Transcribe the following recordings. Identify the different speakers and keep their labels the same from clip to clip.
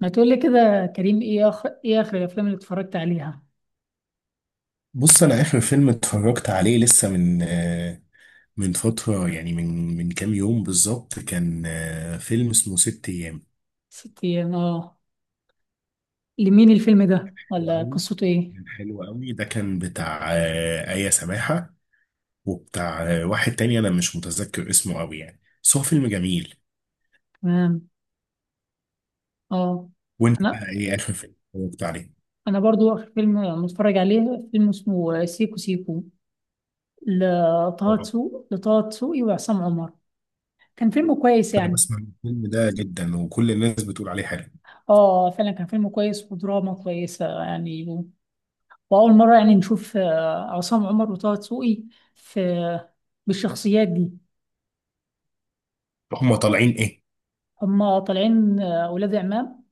Speaker 1: ما تقول لي كده يا كريم، ايه اخر، ايه اخر الافلام اللي اتفرجت عليها؟
Speaker 2: بص، انا اخر فيلم اتفرجت عليه لسه من فتره، يعني من كام يوم بالظبط كان فيلم اسمه ست ايام.
Speaker 1: ست ايام، اه. لمين الفيلم ده،
Speaker 2: حلو
Speaker 1: ولا
Speaker 2: قوي.
Speaker 1: قصته ايه؟
Speaker 2: كان حلو قوي. ده كان بتاع آية سماحه، وبتاع واحد تاني انا مش متذكر اسمه قوي يعني، بس هو فيلم جميل.
Speaker 1: تمام. اه.
Speaker 2: وانت
Speaker 1: انا،
Speaker 2: بقى ايه اخر فيلم اتفرجت عليه؟
Speaker 1: برضو اخر فيلم متفرج عليه فيلم اسمه سيكو سيكو لطه
Speaker 2: اه،
Speaker 1: دسوقي، لطه دسوقي وعصام عمر. كان فيلم كويس
Speaker 2: انا
Speaker 1: يعني.
Speaker 2: بسمع الفيلم ده جدا وكل الناس بتقول عليه حلو.
Speaker 1: اه فعلا كان فيلم كويس ودراما كويسة يعني واول مرة يعني نشوف عصام عمر وطه دسوقي في، بالشخصيات دي.
Speaker 2: هما طالعين ايه؟
Speaker 1: هما طالعين ولاد عمام،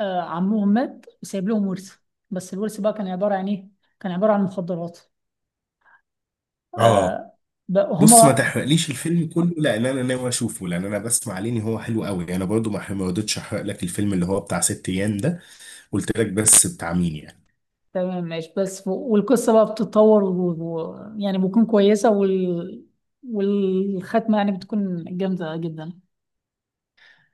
Speaker 1: عمهم مات وسايب لهم ورث، بس الورث بقى كان عبارة عن إيه؟ كان عبارة عن مخدرات.
Speaker 2: اه،
Speaker 1: آه، بقى
Speaker 2: بص، ما
Speaker 1: هما.
Speaker 2: تحرقليش الفيلم كله لان انا ناوي اشوفه، لان انا بسمع عليه ان هو حلو قوي. انا برضو ما رضيتش احرق لك الفيلم اللي هو بتاع ست ايام ده. قلت لك بس بتاع مين يعني.
Speaker 1: تمام، ماشي، بس والقصة بقى بتتطور يعني بتكون كويسة والختمة يعني بتكون جامدة جدا.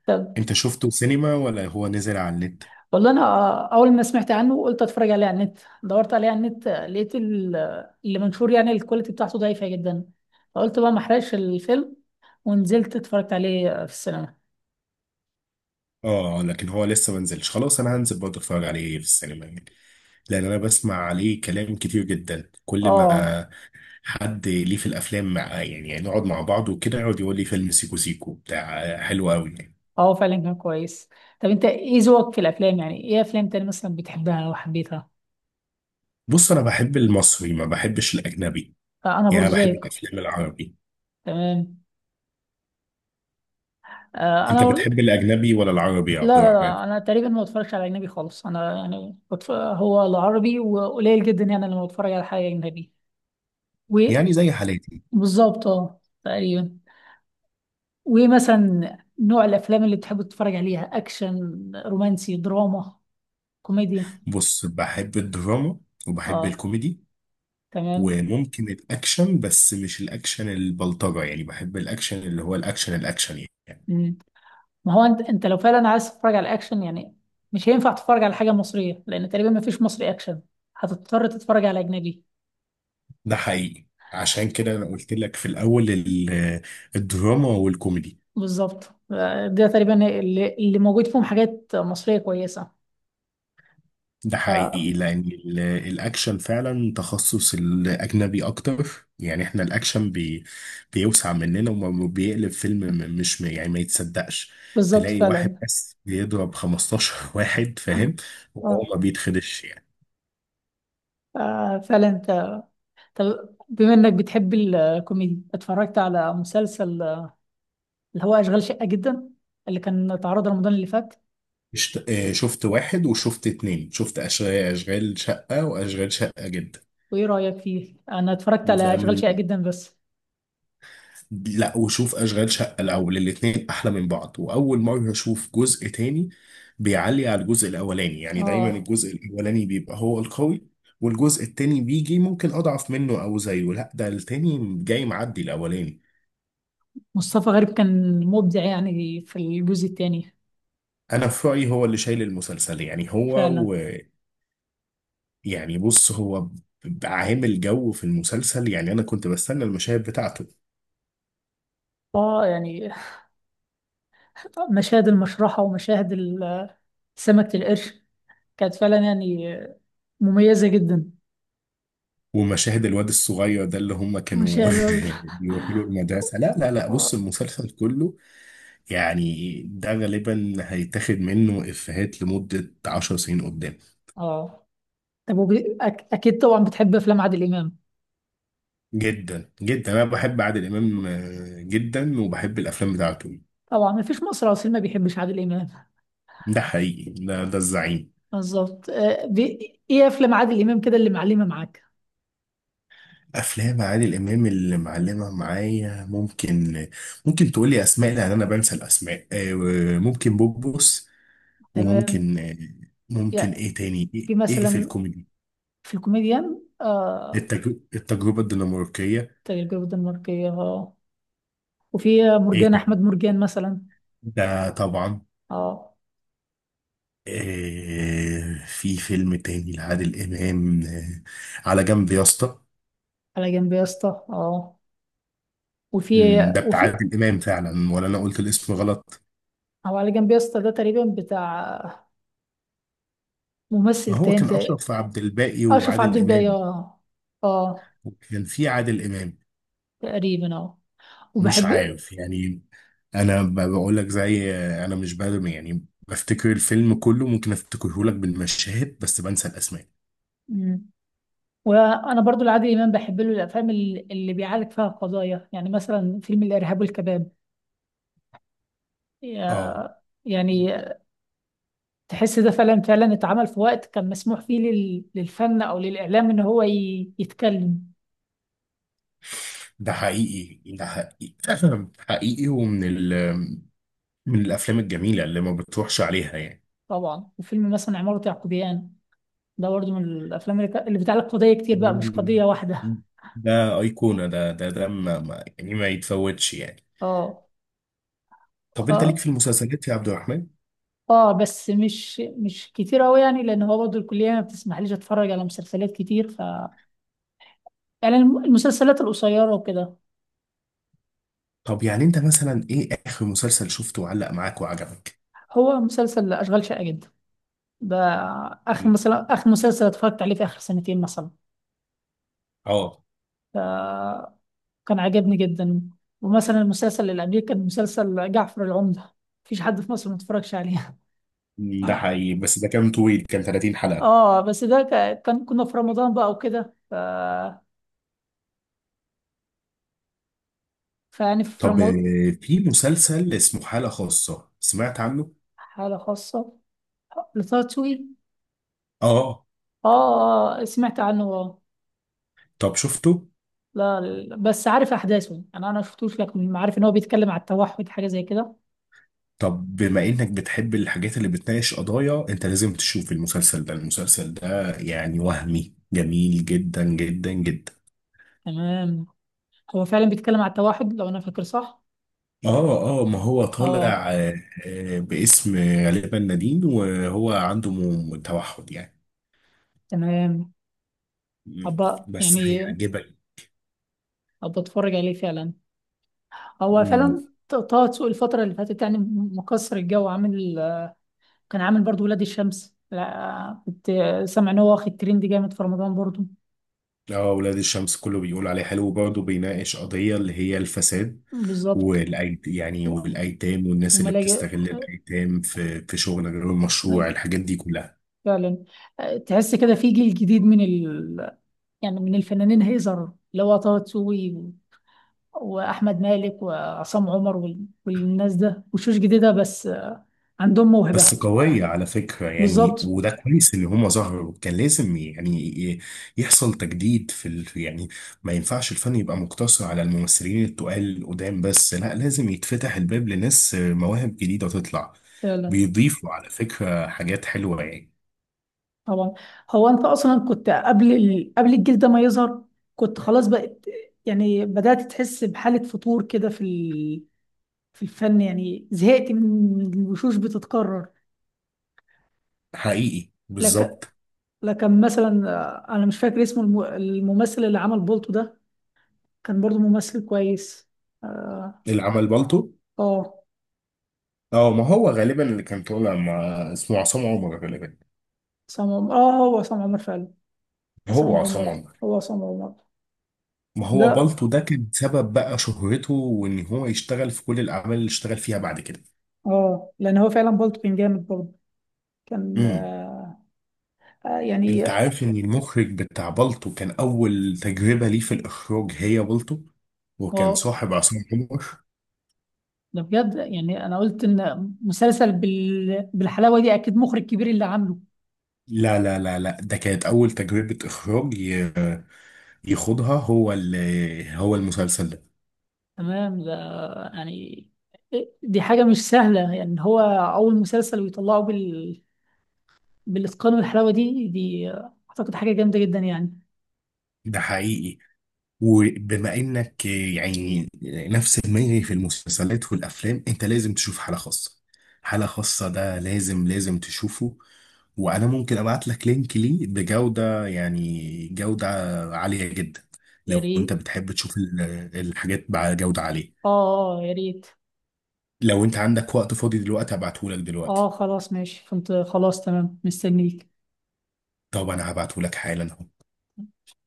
Speaker 1: طب.
Speaker 2: انت شفته سينما ولا هو نزل على النت؟
Speaker 1: والله أنا أول ما سمعت عنه قلت أتفرج عليه على النت. دورت عليه على النت، لقيت اللي منشور يعني الكواليتي بتاعته ضعيفة جدا، فقلت بقى ما أحرقش الفيلم، ونزلت اتفرجت عليه في السينما.
Speaker 2: اه، لكن هو لسه ما نزلش. خلاص، انا هنزل برضه اتفرج عليه في السينما يعني، لان انا بسمع عليه كلام كتير جدا. كل
Speaker 1: اه.
Speaker 2: ما حد ليه في الافلام مع يعني نقعد مع بعض وكده يقعد يقول لي فيلم سيكو سيكو بتاع حلو قوي يعني.
Speaker 1: اه فعلا كان كويس. طب انت ايه ذوقك في الافلام؟ يعني ايه افلام تاني مثلا بتحبها او حبيتها؟
Speaker 2: بص، انا بحب المصري، ما بحبش الاجنبي.
Speaker 1: آه، انا برضو
Speaker 2: يعني انا بحب
Speaker 1: زيك.
Speaker 2: الافلام العربي.
Speaker 1: تمام. آه
Speaker 2: انت
Speaker 1: انا برضو.
Speaker 2: بتحب الاجنبي ولا العربي يا
Speaker 1: لا
Speaker 2: عبد
Speaker 1: لا
Speaker 2: الرحمن؟
Speaker 1: لا، انا تقريبا ما بتفرجش على اجنبي خالص، انا يعني هو العربي، وقليل جدا يعني لما بتفرج على حاجه اجنبي.
Speaker 2: يعني زي حالاتي.
Speaker 1: وبالظبط اه، تقريبا. ومثلا نوع الافلام اللي بتحب تتفرج عليها، اكشن، رومانسي، دراما، كوميديا؟
Speaker 2: بص، بحب الدراما، وبحب
Speaker 1: اه.
Speaker 2: الكوميدي،
Speaker 1: تمام.
Speaker 2: وممكن الاكشن، بس مش الاكشن البلطجة. يعني بحب الاكشن اللي هو الاكشن الاكشن يعني.
Speaker 1: ما هو انت، لو فعلا عايز تتفرج على اكشن يعني، مش هينفع تتفرج على حاجه مصريه، لان تقريبا ما فيش مصري اكشن، هتضطر تتفرج على اجنبي.
Speaker 2: ده حقيقي. عشان كده انا قلت لك في الاول الدراما والكوميدي.
Speaker 1: بالظبط. آه، ده تقريبا اللي موجود فيهم حاجات مصريه كويسه.
Speaker 2: ده
Speaker 1: آه.
Speaker 2: حقيقي لأن الأكشن فعلا تخصص الأجنبي أكتر. يعني إحنا الأكشن بيوسع مننا، وبيقلب فيلم مش يعني ما يتصدقش.
Speaker 1: بالظبط
Speaker 2: تلاقي واحد
Speaker 1: فعلا.
Speaker 2: بس بيضرب 15 واحد فاهم، وهو ما
Speaker 1: آه.
Speaker 2: بيتخدش يعني.
Speaker 1: آه فعلا انت. طب بما انك بتحب الكوميدي، اتفرجت على مسلسل اللي هو اشغال شقه جدا، اللي كان اتعرض رمضان اللي فات؟
Speaker 2: شفت واحد وشفت اتنين. شفت أشغال شقة وأشغال شقة جدا.
Speaker 1: وايه رايك فيه؟ انا اتفرجت
Speaker 2: ده
Speaker 1: على
Speaker 2: من
Speaker 1: اشغال شقه جدا بس.
Speaker 2: لا، وشوف اشغال شقه الاول، الاتنين احلى من بعض. واول مره اشوف جزء تاني بيعلي على الجزء الاولاني، يعني دايما
Speaker 1: اه.
Speaker 2: الجزء الاولاني بيبقى هو القوي، والجزء التاني بيجي ممكن اضعف منه او زيه. لا، ده التاني جاي معدي الاولاني.
Speaker 1: مصطفى غريب كان مبدع يعني في الجزء الثاني.
Speaker 2: انا في رايي هو اللي شايل المسلسل يعني هو.
Speaker 1: فعلا.
Speaker 2: و... يعني بص هو عامل جو في المسلسل. يعني انا كنت بستنى المشاهد بتاعته.
Speaker 1: اه يعني مشاهد المشرحة ومشاهد سمكة القرش كانت فعلا يعني مميزة جدا.
Speaker 2: ومشاهد الواد الصغير ده اللي هم كانوا
Speaker 1: مشاهد ال-
Speaker 2: بيروحوا له المدرسه. لا لا لا، بص المسلسل كله يعني ده غالبا هيتاخد منه إفيهات لمدة عشر سنين قدام.
Speaker 1: اه. طب وب... اكيد طبعا بتحب افلام عادل امام.
Speaker 2: جدا جدا أنا بحب عادل إمام جدا، وبحب الأفلام بتاعته.
Speaker 1: طبعا، مفيش مصري اصيل ما بيحبش عادل امام.
Speaker 2: ده حقيقي، ده الزعيم.
Speaker 1: بالظبط. آه، ايه افلام عادل امام كده اللي معلمة معاك؟
Speaker 2: أفلام عادل إمام اللي معلمة معايا ممكن تقولي أسماء لأن أنا بنسى الأسماء. ممكن بوبوس،
Speaker 1: تمام.
Speaker 2: وممكن ممكن
Speaker 1: يا،
Speaker 2: إيه تاني، إيه
Speaker 1: في
Speaker 2: إيه في
Speaker 1: مثلا،
Speaker 2: الكوميدي.
Speaker 1: في الكوميديان
Speaker 2: التجربة الدنماركية.
Speaker 1: تجربة الدنماركية، اه. وفي
Speaker 2: إيه
Speaker 1: مرجان
Speaker 2: تاني؟
Speaker 1: احمد مرجان مثلا.
Speaker 2: ده
Speaker 1: اه.
Speaker 2: طبعا.
Speaker 1: آه.
Speaker 2: في فيلم تاني لعادل إمام، على جنب يا اسطى.
Speaker 1: على جنب يا اسطى، اه. وفي،
Speaker 2: ده بتاع
Speaker 1: وفي،
Speaker 2: عادل إمام فعلا ولا أنا قلت الاسم غلط؟
Speaker 1: او على جنب يا اسطى ده تقريبا بتاع ممثل
Speaker 2: هو
Speaker 1: تاني
Speaker 2: كان أشرف عبد الباقي
Speaker 1: اشرف عبد
Speaker 2: وعادل
Speaker 1: الباقي،
Speaker 2: إمام،
Speaker 1: اه. اه
Speaker 2: وكان في عادل إمام.
Speaker 1: تقريبا، اه.
Speaker 2: مش
Speaker 1: وبحب.
Speaker 2: عارف يعني. أنا بقول لك زي أنا مش بادم يعني، بفتكر الفيلم كله ممكن أفتكره لك بالمشاهد بس بنسى الأسماء.
Speaker 1: مم. وانا برضو العادل امام بحب له الافلام اللي بيعالج فيها قضايا، يعني مثلا فيلم الارهاب والكباب.
Speaker 2: اه،
Speaker 1: يا- يعني تحس ده فعلا، فعلا اتعمل في وقت كان مسموح فيه للفن او للاعلام ان هو يتكلم.
Speaker 2: ده حقيقي، ده حقيقي. حقيقي. ومن ال من الأفلام الجميلة اللي ما بتروحش عليها يعني.
Speaker 1: طبعا. وفيلم مثلا عمارة يعقوبيان، ده برضه من الافلام اللي بتعلق قضيه كتير بقى، مش
Speaker 2: مم.
Speaker 1: قضيه واحده.
Speaker 2: ده أيقونة. ده يعني ما يتفوتش يعني.
Speaker 1: اه.
Speaker 2: طب أنت ليك
Speaker 1: اه.
Speaker 2: في المسلسلات يا عبد الرحمن؟
Speaker 1: اه بس مش، مش كتير قوي يعني، لان هو برضه الكليه ما بتسمحليش اتفرج على مسلسلات كتير، ف يعني المسلسلات القصيره وكده.
Speaker 2: طب يعني أنت مثلا إيه آخر مسلسل شفته وعلق معاك وعجبك؟
Speaker 1: هو مسلسل اشغال شاقه جدا ده اخر، مثلا اخر مسلسل اتفرجت عليه في اخر سنتين مثلا،
Speaker 2: اه
Speaker 1: ف كان عجبني جدا. ومثلا المسلسل اللي قبليه كان مسلسل جعفر العمده، مفيش حد في مصر ما اتفرجش عليه.
Speaker 2: ده حقيقي، بس ده كان طويل، كان 30 حلقة.
Speaker 1: اه بس ده كان كنا في رمضان بقى وكده فيعني في
Speaker 2: طب
Speaker 1: رمضان.
Speaker 2: في مسلسل اسمه حالة خاصة، سمعت عنه؟
Speaker 1: حالة خاصة لطه دسوقي.
Speaker 2: اه.
Speaker 1: اه، سمعت عنه اه.
Speaker 2: طب شفته؟
Speaker 1: لا لا، بس عارف احداثه، انا شفتوش لكن عارف ان هو بيتكلم على التوحد حاجة زي كده.
Speaker 2: طب بما انك بتحب الحاجات اللي بتناقش قضايا، انت لازم تشوف المسلسل ده. المسلسل ده يعني وهمي جميل جدا جدا جدا.
Speaker 1: تمام. هو فعلا بيتكلم على التوحد لو انا فاكر صح.
Speaker 2: اه اه، ما هو
Speaker 1: اه.
Speaker 2: طالع باسم غالبا نادين، وهو عنده توحد يعني.
Speaker 1: تمام.
Speaker 2: مم.
Speaker 1: ابقى
Speaker 2: بس
Speaker 1: يعني،
Speaker 2: هيعجبك.
Speaker 1: ابقى اتفرج عليه فعلا. هو
Speaker 2: مم.
Speaker 1: فعلا طه دسوقي الفترة اللي فاتت يعني مكسر الجو، عامل. كان عامل برضو ولاد الشمس، لا كنت سامع ان هو واخد ترند جامد في رمضان برضو.
Speaker 2: اه، ولاد الشمس كله بيقول عليه حلو، وبرضه بيناقش قضية اللي هي الفساد.
Speaker 1: بالظبط.
Speaker 2: والأيت يعني والأيتام والناس اللي
Speaker 1: وملاجئ.
Speaker 2: بتستغل الأيتام في شغل غير المشروع،
Speaker 1: أي،
Speaker 2: الحاجات دي كلها.
Speaker 1: فعلا. تحس كده في جيل جديد من يعني من الفنانين هيظهر، اللي هو طه دسوقي واحمد مالك وعصام عمر والناس ده، وشوش جديده بس أه، عندهم موهبه.
Speaker 2: بس قوية على فكرة يعني،
Speaker 1: بالظبط.
Speaker 2: وده كويس إن هما ظهروا. كان لازم يعني يحصل تجديد في يعني ما ينفعش الفن يبقى مقتصر على الممثلين التقال القدام بس، لا، لازم يتفتح الباب لناس مواهب جديدة تطلع.
Speaker 1: فعلا.
Speaker 2: بيضيفوا على فكرة حاجات حلوة يعني.
Speaker 1: طبعا. هو انت اصلا كنت قبل قبل الجيل ده ما يظهر، كنت خلاص بقت يعني بدأت تحس بحالة فتور كده في في الفن، يعني زهقت من الوشوش بتتكرر.
Speaker 2: حقيقي
Speaker 1: لكن،
Speaker 2: بالظبط.
Speaker 1: لكن مثلا انا مش فاكر اسمه الممثل اللي عمل بولتو ده، كان برضو ممثل كويس. اه.
Speaker 2: العمل بالطو.
Speaker 1: اه.
Speaker 2: اه، ما هو غالبا اللي كان طالع مع. اسمه عصام عمر غالبا.
Speaker 1: عصام عمر، اه. هو عصام عمر فعلا.
Speaker 2: هو
Speaker 1: عصام
Speaker 2: عصام
Speaker 1: عمر.
Speaker 2: عمر.
Speaker 1: هو عصام عمر.
Speaker 2: ما
Speaker 1: ده
Speaker 2: هو بالطو ده كان سبب بقى شهرته، وان هو يشتغل في كل الاعمال اللي اشتغل فيها بعد كده.
Speaker 1: اه، لان هو فعلا بولتو كان جامد برضه. كان
Speaker 2: امم
Speaker 1: آه. آه، يعني.
Speaker 2: انت عارف ان المخرج بتاع بالطو كان اول تجربة ليه في الاخراج هي بالطو؟ وكان
Speaker 1: اه.
Speaker 2: صاحب عصام عمر.
Speaker 1: ده بجد يعني، انا قلت ان مسلسل بالحلاوه دي اكيد مخرج كبير اللي عامله.
Speaker 2: لا لا لا لا، ده كانت اول تجربة اخراج يخوضها هو المسلسل ده.
Speaker 1: تمام ده يعني، دي حاجه مش سهله يعني، هو اول مسلسل ويطلعه بالاتقان والحلاوه دي، اعتقد حاجه جامده جدا يعني.
Speaker 2: ده حقيقي. وبما انك يعني نفس دماغي في المسلسلات والافلام، انت لازم تشوف حالة خاصة. حالة خاصة ده لازم لازم تشوفه. وانا ممكن ابعت لك لينك ليه بجودة يعني جودة عالية جدا.
Speaker 1: يا
Speaker 2: لو انت
Speaker 1: ريت.
Speaker 2: بتحب تشوف الحاجات بجودة عالية،
Speaker 1: اه، يا ريت.
Speaker 2: لو انت عندك وقت فاضي دلوقتي هبعته لك
Speaker 1: اه
Speaker 2: دلوقتي.
Speaker 1: خلاص ماشي، كنت خلاص تمام، مستنيك.
Speaker 2: طب انا هبعته لك حالا اهو.